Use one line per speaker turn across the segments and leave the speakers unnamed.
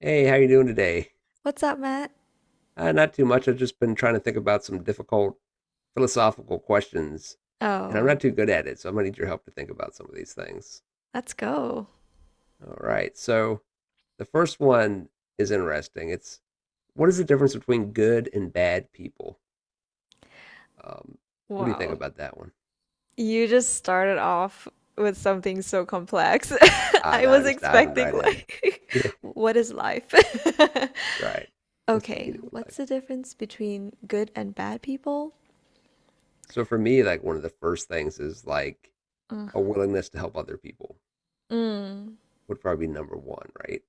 Hey, how you doing today?
What's up, Matt?
Not too much. I've just been trying to think about some difficult philosophical questions, and I'm
Oh,
not too good at it, so I'm gonna need your help to think about some of these things.
let's go.
All right. So the first one is interesting. It's what is the difference between good and bad people? Um, what do you think
Wow.
about that one?
You just started off with something so complex.
Ah,
I
now
was
just diving
expecting,
right in.
like,
Yeah,
what is life?
right. What's the
Okay,
meaning of life?
what's the difference between good and bad people?
So for me, like one of the first things is like
Ugh.
a willingness to help other people
Mm.
would probably be number one, right?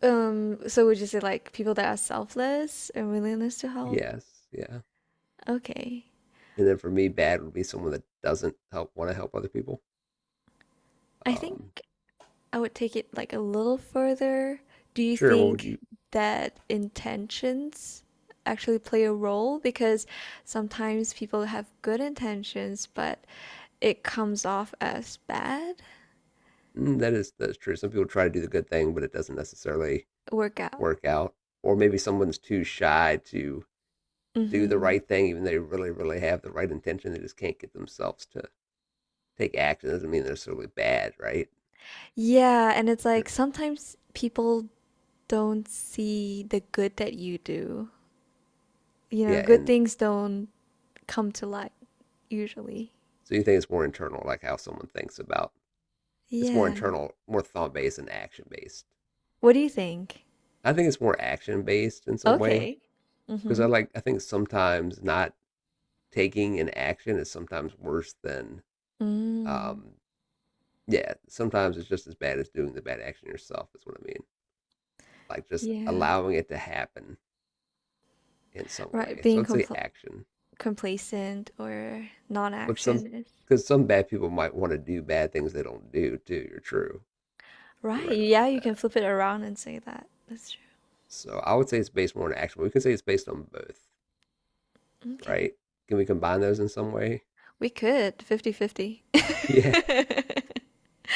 So would you say, like, people that are selfless and willingness to help?
Yes, yeah.
Okay.
And then for me, bad would be someone that doesn't help want to help other people.
I think.
Um,
I would take it like a little further. Do you
sure, what would
think
you?
that intentions actually play a role? Because sometimes people have good intentions, but it comes off as bad
Mm, that's true. Some people try to do the good thing, but it doesn't necessarily
workout.
work out. Or maybe someone's too shy to do the
Hmm.
right thing, even though they really, really have the right intention. They just can't get themselves to take action. Doesn't mean they're necessarily bad, right?
Yeah, and it's like
Or-
sometimes people don't see the good that you do. You know,
Yeah,
good
and
things don't come to light usually.
so you think it's more internal, like how someone thinks about. It's more
Yeah.
internal, more thought based and action based.
What do you think?
I think it's more action based in some way
Okay.
because
Mm-hmm.
I think sometimes not taking an action is sometimes worse than
Mm,
um yeah, sometimes it's just as bad as doing the bad action yourself is what I mean, like just
yeah.
allowing it to happen in some
Right,
way, so
being
I'd say action.
complacent or
But some,
non-action is
because some bad people might want to do bad things they don't do too, you're
right.
right about
Yeah, you can
that.
flip it around and say that. That's true.
So I would say it's based more on action. We can say it's based on both,
Okay.
right? Can we combine those in some way?
We could 50-50.
Yeah.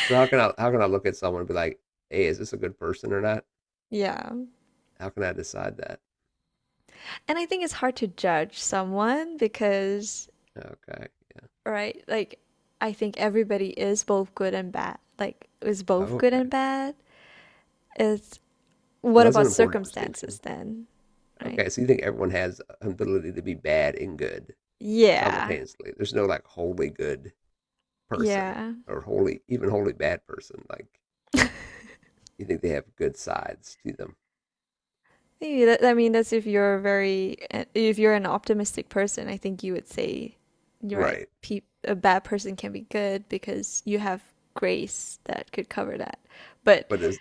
So how can I look at someone and be like, hey, is this a good person or not?
Yeah.
How can I decide that?
And I think it's hard to judge someone because,
Okay.
right, like I think everybody is both good and bad.
Oh, okay.
It's,
Well,
what
that's an
about
important
circumstances
distinction.
then, right?
Okay, so you think everyone has an ability to be bad and good
Yeah.
simultaneously? There's no like wholly good person
Yeah.
or wholly, even wholly bad person. Like you think they have good sides to them,
Yeah, that, I mean, that's if you're very, if you're an optimistic person, I think you would say, you're right,
right?
pe a bad person can be good because you have grace that could cover that. But
But is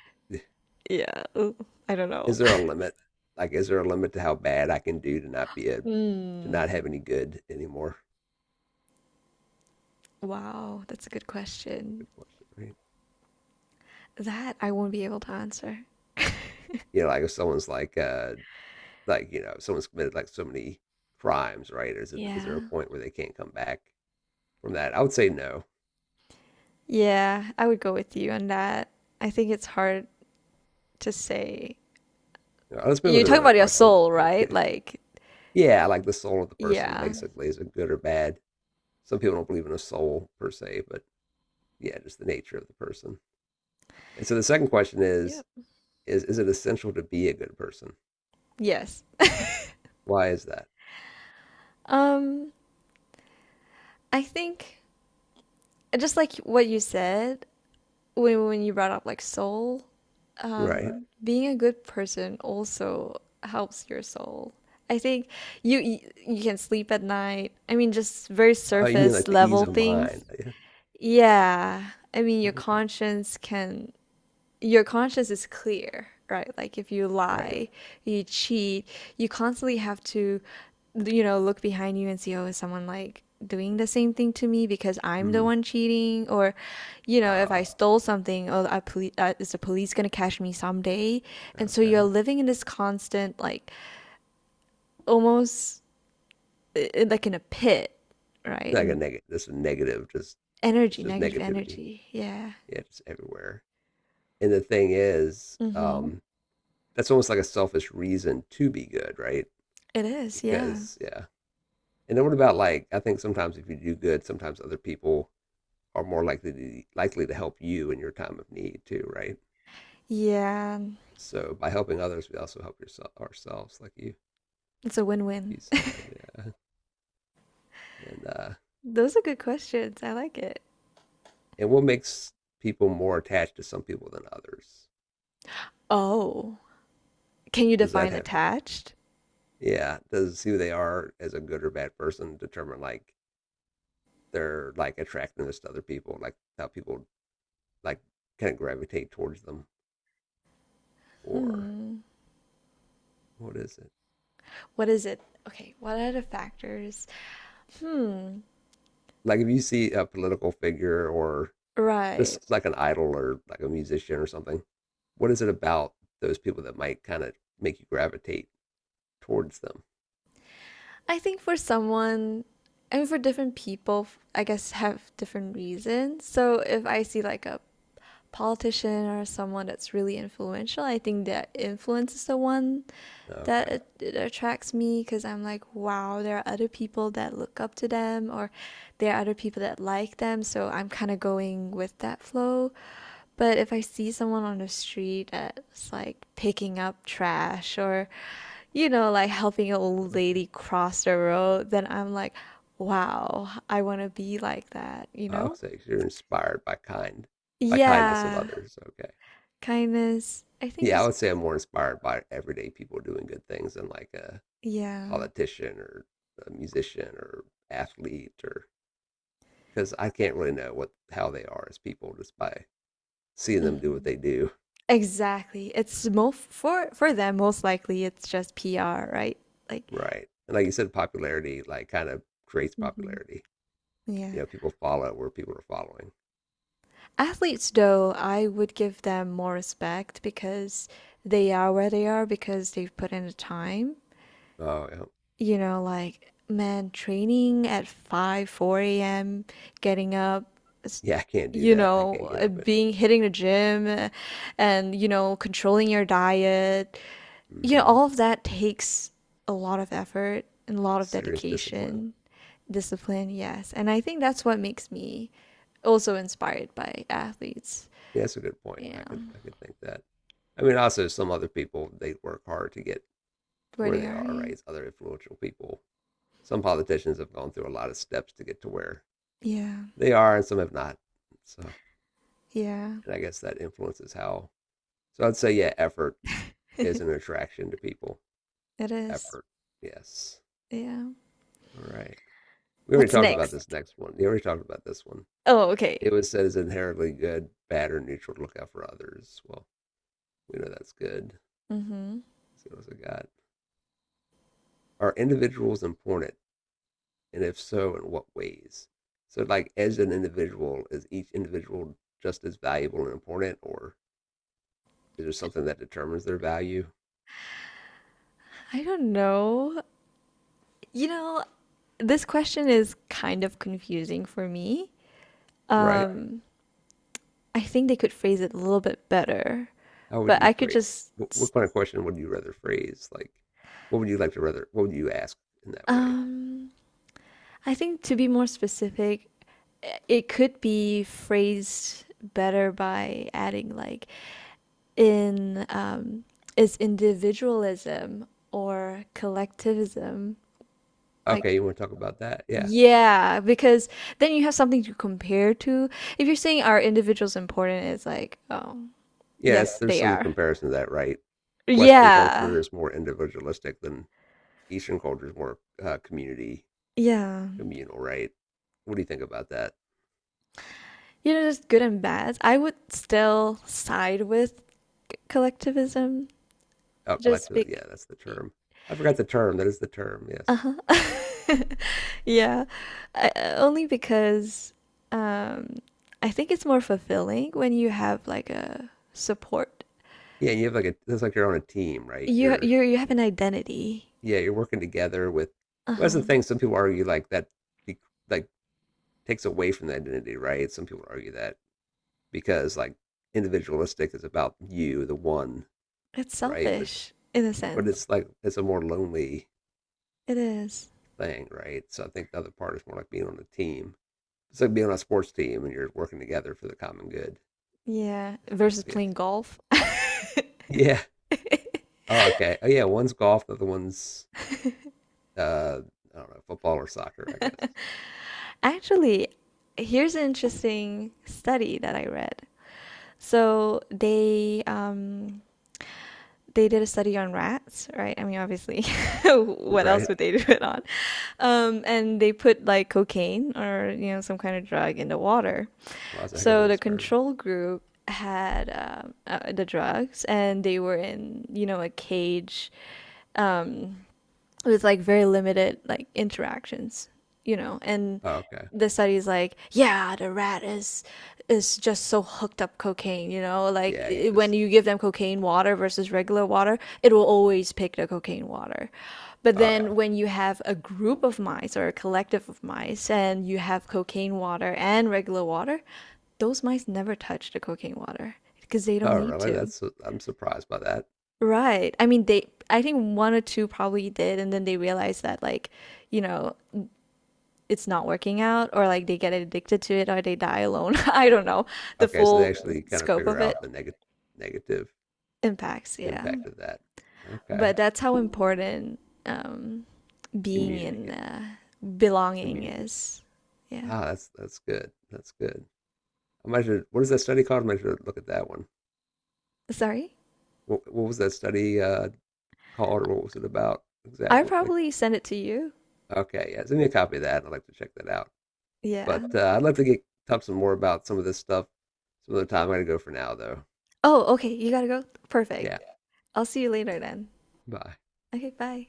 yeah, ooh, I don't know.
is there a limit? Like, is there a limit to how bad I can do to not be a to not
Mm.
have any good anymore?
Wow, that's a good
That's a
question.
good question, right?
That I won't be able to answer.
You know, like if someone's like you know, someone's committed like so many crimes, right? Is there a
Yeah.
point where they can't come back from that? I would say no.
Yeah, I would go with you on that. I think it's hard to say.
You let's move on
You're
to
talking
another
about your
question.
soul,
So,
right? Like,
yeah, like the soul of the person,
yeah.
basically, is it good or bad? Some people don't believe in a soul per se, but yeah, just the nature of the person. And so the second question is
Yep.
is it essential to be a good person?
Yes.
Why is that?
Um, I think just like what you said when you brought up like soul, right,
Right.
being a good person also helps your soul. I think you you can sleep at night. I mean, just very
Oh, you mean like
surface
the ease
level
of mind?
things.
Yeah.
Yeah. I mean,
Okay.
your conscience is clear, right? Like if you
Right.
lie, you cheat, you constantly have to, you know, look behind you and see, oh, is someone like doing the same thing to me because I'm the
Hmm.
one cheating? Or, you know, if
Ah,
I stole something, oh, is the police gonna catch me someday? And so you're
okay.
living in this constant, like almost like in a pit, right?
Like a
And
negative. This is negative. Just it's
energy,
just
negative
negativity.
energy. Yeah.
Yeah, just everywhere. And the thing is,
Mm-hmm.
that's almost like a selfish reason to be good, right?
It is, yeah.
Because yeah. And then what about like I think sometimes if you do good, sometimes other people are more likely to help you in your time of need too, right?
Yeah.
So by helping others, we also help yourself ourselves, like
It's a win-win.
you said, yeah. And uh,
Those are good questions. I like it.
and what makes people more attached to some people than others?
Oh, can you
Does that
define
have to
attached?
yeah? Does who they are as a good or bad person determine like they're like attractiveness to other people, like how people like kind of gravitate towards them, or
Hmm.
what is it?
What is it? Okay, what are the factors? Hmm.
Like if you see a political figure or just
Right.
like an idol or like a musician or something, what is it about those people that might kind of make you gravitate towards them?
I think for someone, I mean, for different people, I guess have different reasons. So if I see like a politician or someone that's really influential, I think their influence is the one
Okay,
that it attracts me because I'm like, wow, there are other people that look up to them, or there are other people that like them. So I'm kind of going with that flow. But if I see someone on the street that's like picking up trash or, you know, like helping an old
okay.
lady cross the road, then I'm like, wow, I want to be like that, you
I'll
know?
say you're inspired by kind, by kindness of
Yeah,
others. Okay.
kindness. I think
Yeah, I
just,
would say I'm more inspired by everyday people doing good things than like
yeah.
politician or a musician or athlete, or because I can't really know what how they are as people just by seeing them do what
Mhm.
they do.
Exactly. It's mo For them, most likely it's just PR, right? Like,
Right. And like you said, popularity like kind of creates
hmm,
popularity.
yeah.
You know, people follow where people are following.
Athletes, though, I would give them more respect because they are where they are because they've put in the time.
Oh yeah.
You know, like, man, training at 5, 4 a.m., getting up, s-
Yeah, I can't do
you
that. I can't
know,
get up it.
being hitting the gym and, you know, controlling your diet. You know, all
hmm
of that takes a lot of effort and a lot of
Serious discipline.
dedication, discipline, yes. And I think that's what makes me also inspired by athletes.
Yeah, that's a good point.
Yeah.
I could think that. I mean also some other people they work hard to get to
Where
where
they
they
are.
are,
Yeah.
right? It's other influential people. Some politicians have gone through a lot of steps to get to where they are and some have not. So,
Yeah. Yeah.
and I guess that influences how. So I'd say, yeah, effort is an attraction to people.
It is.
Effort. Yes.
Yeah.
All right. We already
What's
talked about
next?
this next one. We already talked about this one.
Oh, okay.
It was said as inherently good, bad, or neutral to look out for others. Well, we know that's good.
Mm-hmm.
Let's see what else I got. Are individuals important? And if so, in what ways? So, like, as an individual, is each individual just as valuable and important, or is there something that determines their value?
I don't know. You know, this question is kind of confusing for me.
Right.
Um, I think they could phrase it a little bit better,
How would
but
you
I could
phrase?
just,
What kind of question would you rather phrase? Like, what would you like to rather? What would you ask in that way?
um, I think to be more specific, it could be phrased better by adding like in is individualism or collectivism like,
Okay, you want to talk about that? Yeah,
yeah, because then you have something to compare to. If you're saying are individuals important, it's like, oh,
yeah. It's,
yes
there's
they
some
are.
comparison to that, right? Western
Yeah.
culture is more individualistic than Eastern culture is more community
Yeah.
communal, right? What do you think about that?
You know, there's good and bad. I would still side with collectivism
Oh,
just
collective.
big.
Yeah, that's the term. I forgot the term. That is the term. Yes.
Uh-huh. Yeah. Only because um, I think it's more fulfilling when you have like a support.
Yeah, you have like a. That's like you're on a team, right?
You
You're
you you have an identity.
yeah, you're working together with. Well, that's the
Uh-huh.
thing. Some people argue like that, de- like takes away from the identity, right? Some people argue that because like individualistic is about you, the one,
It's
right?
selfish in a
But
sense.
it's like it's a more lonely
It is.
thing, right? So I think the other part is more like being on a team. It's like being on a sports team and you're working together for the common good.
Yeah. Versus
Yes. What?
playing golf.
Yeah. Oh, okay. Oh, yeah. One's golf, the other one's uh, I don't know, football or soccer, I guess.
Actually, here's an interesting study that I read. So they did a study on rats, right? I mean, obviously, what else
Right?
would they do it on? And they put like cocaine or you know some kind of drug in the water.
Well, that's a heck of
So
an
the
experiment.
control group had the drugs, and they were in you know a cage, um, with like very limited like interactions, you know, and
Oh, okay.
the study's like, yeah, the rat is just so hooked up cocaine, you know, like
Yeah, he
I when
just.
you give them cocaine water versus regular water, it will always pick the cocaine water. But
Oh, yeah.
then when you have a group of mice or a collective of mice and you have cocaine water and regular water, those mice never touch the cocaine water because they don't
Oh,
need
really?
to.
That's. I'm surprised by that.
Right. I mean, they, I think one or two probably did, and then they realize that, like, you know, it's not working out, or like they get addicted to it, or they die alone. I don't know the
Okay, so they
full
actually kind of
scope
figure
of it
out the negative
impacts. Yeah.
impact of that. Okay,
But that's how important um, being in
community
belonging
communities.
is. Yeah.
Ah, that's good. That's good. I might should, what is that study called? I might should look at that one.
Sorry.
What was that study called, or what was it about
I
exactly? Like,
probably send it to you.
okay, yeah, send me a copy of that. I'd like to check that out.
Yeah.
But I'd like to get talk some more about some of this stuff some other time. I'm gonna go for now, though.
Oh, okay. You gotta go. Perfect.
Yeah,
I'll see you later then.
bye.
Okay, bye.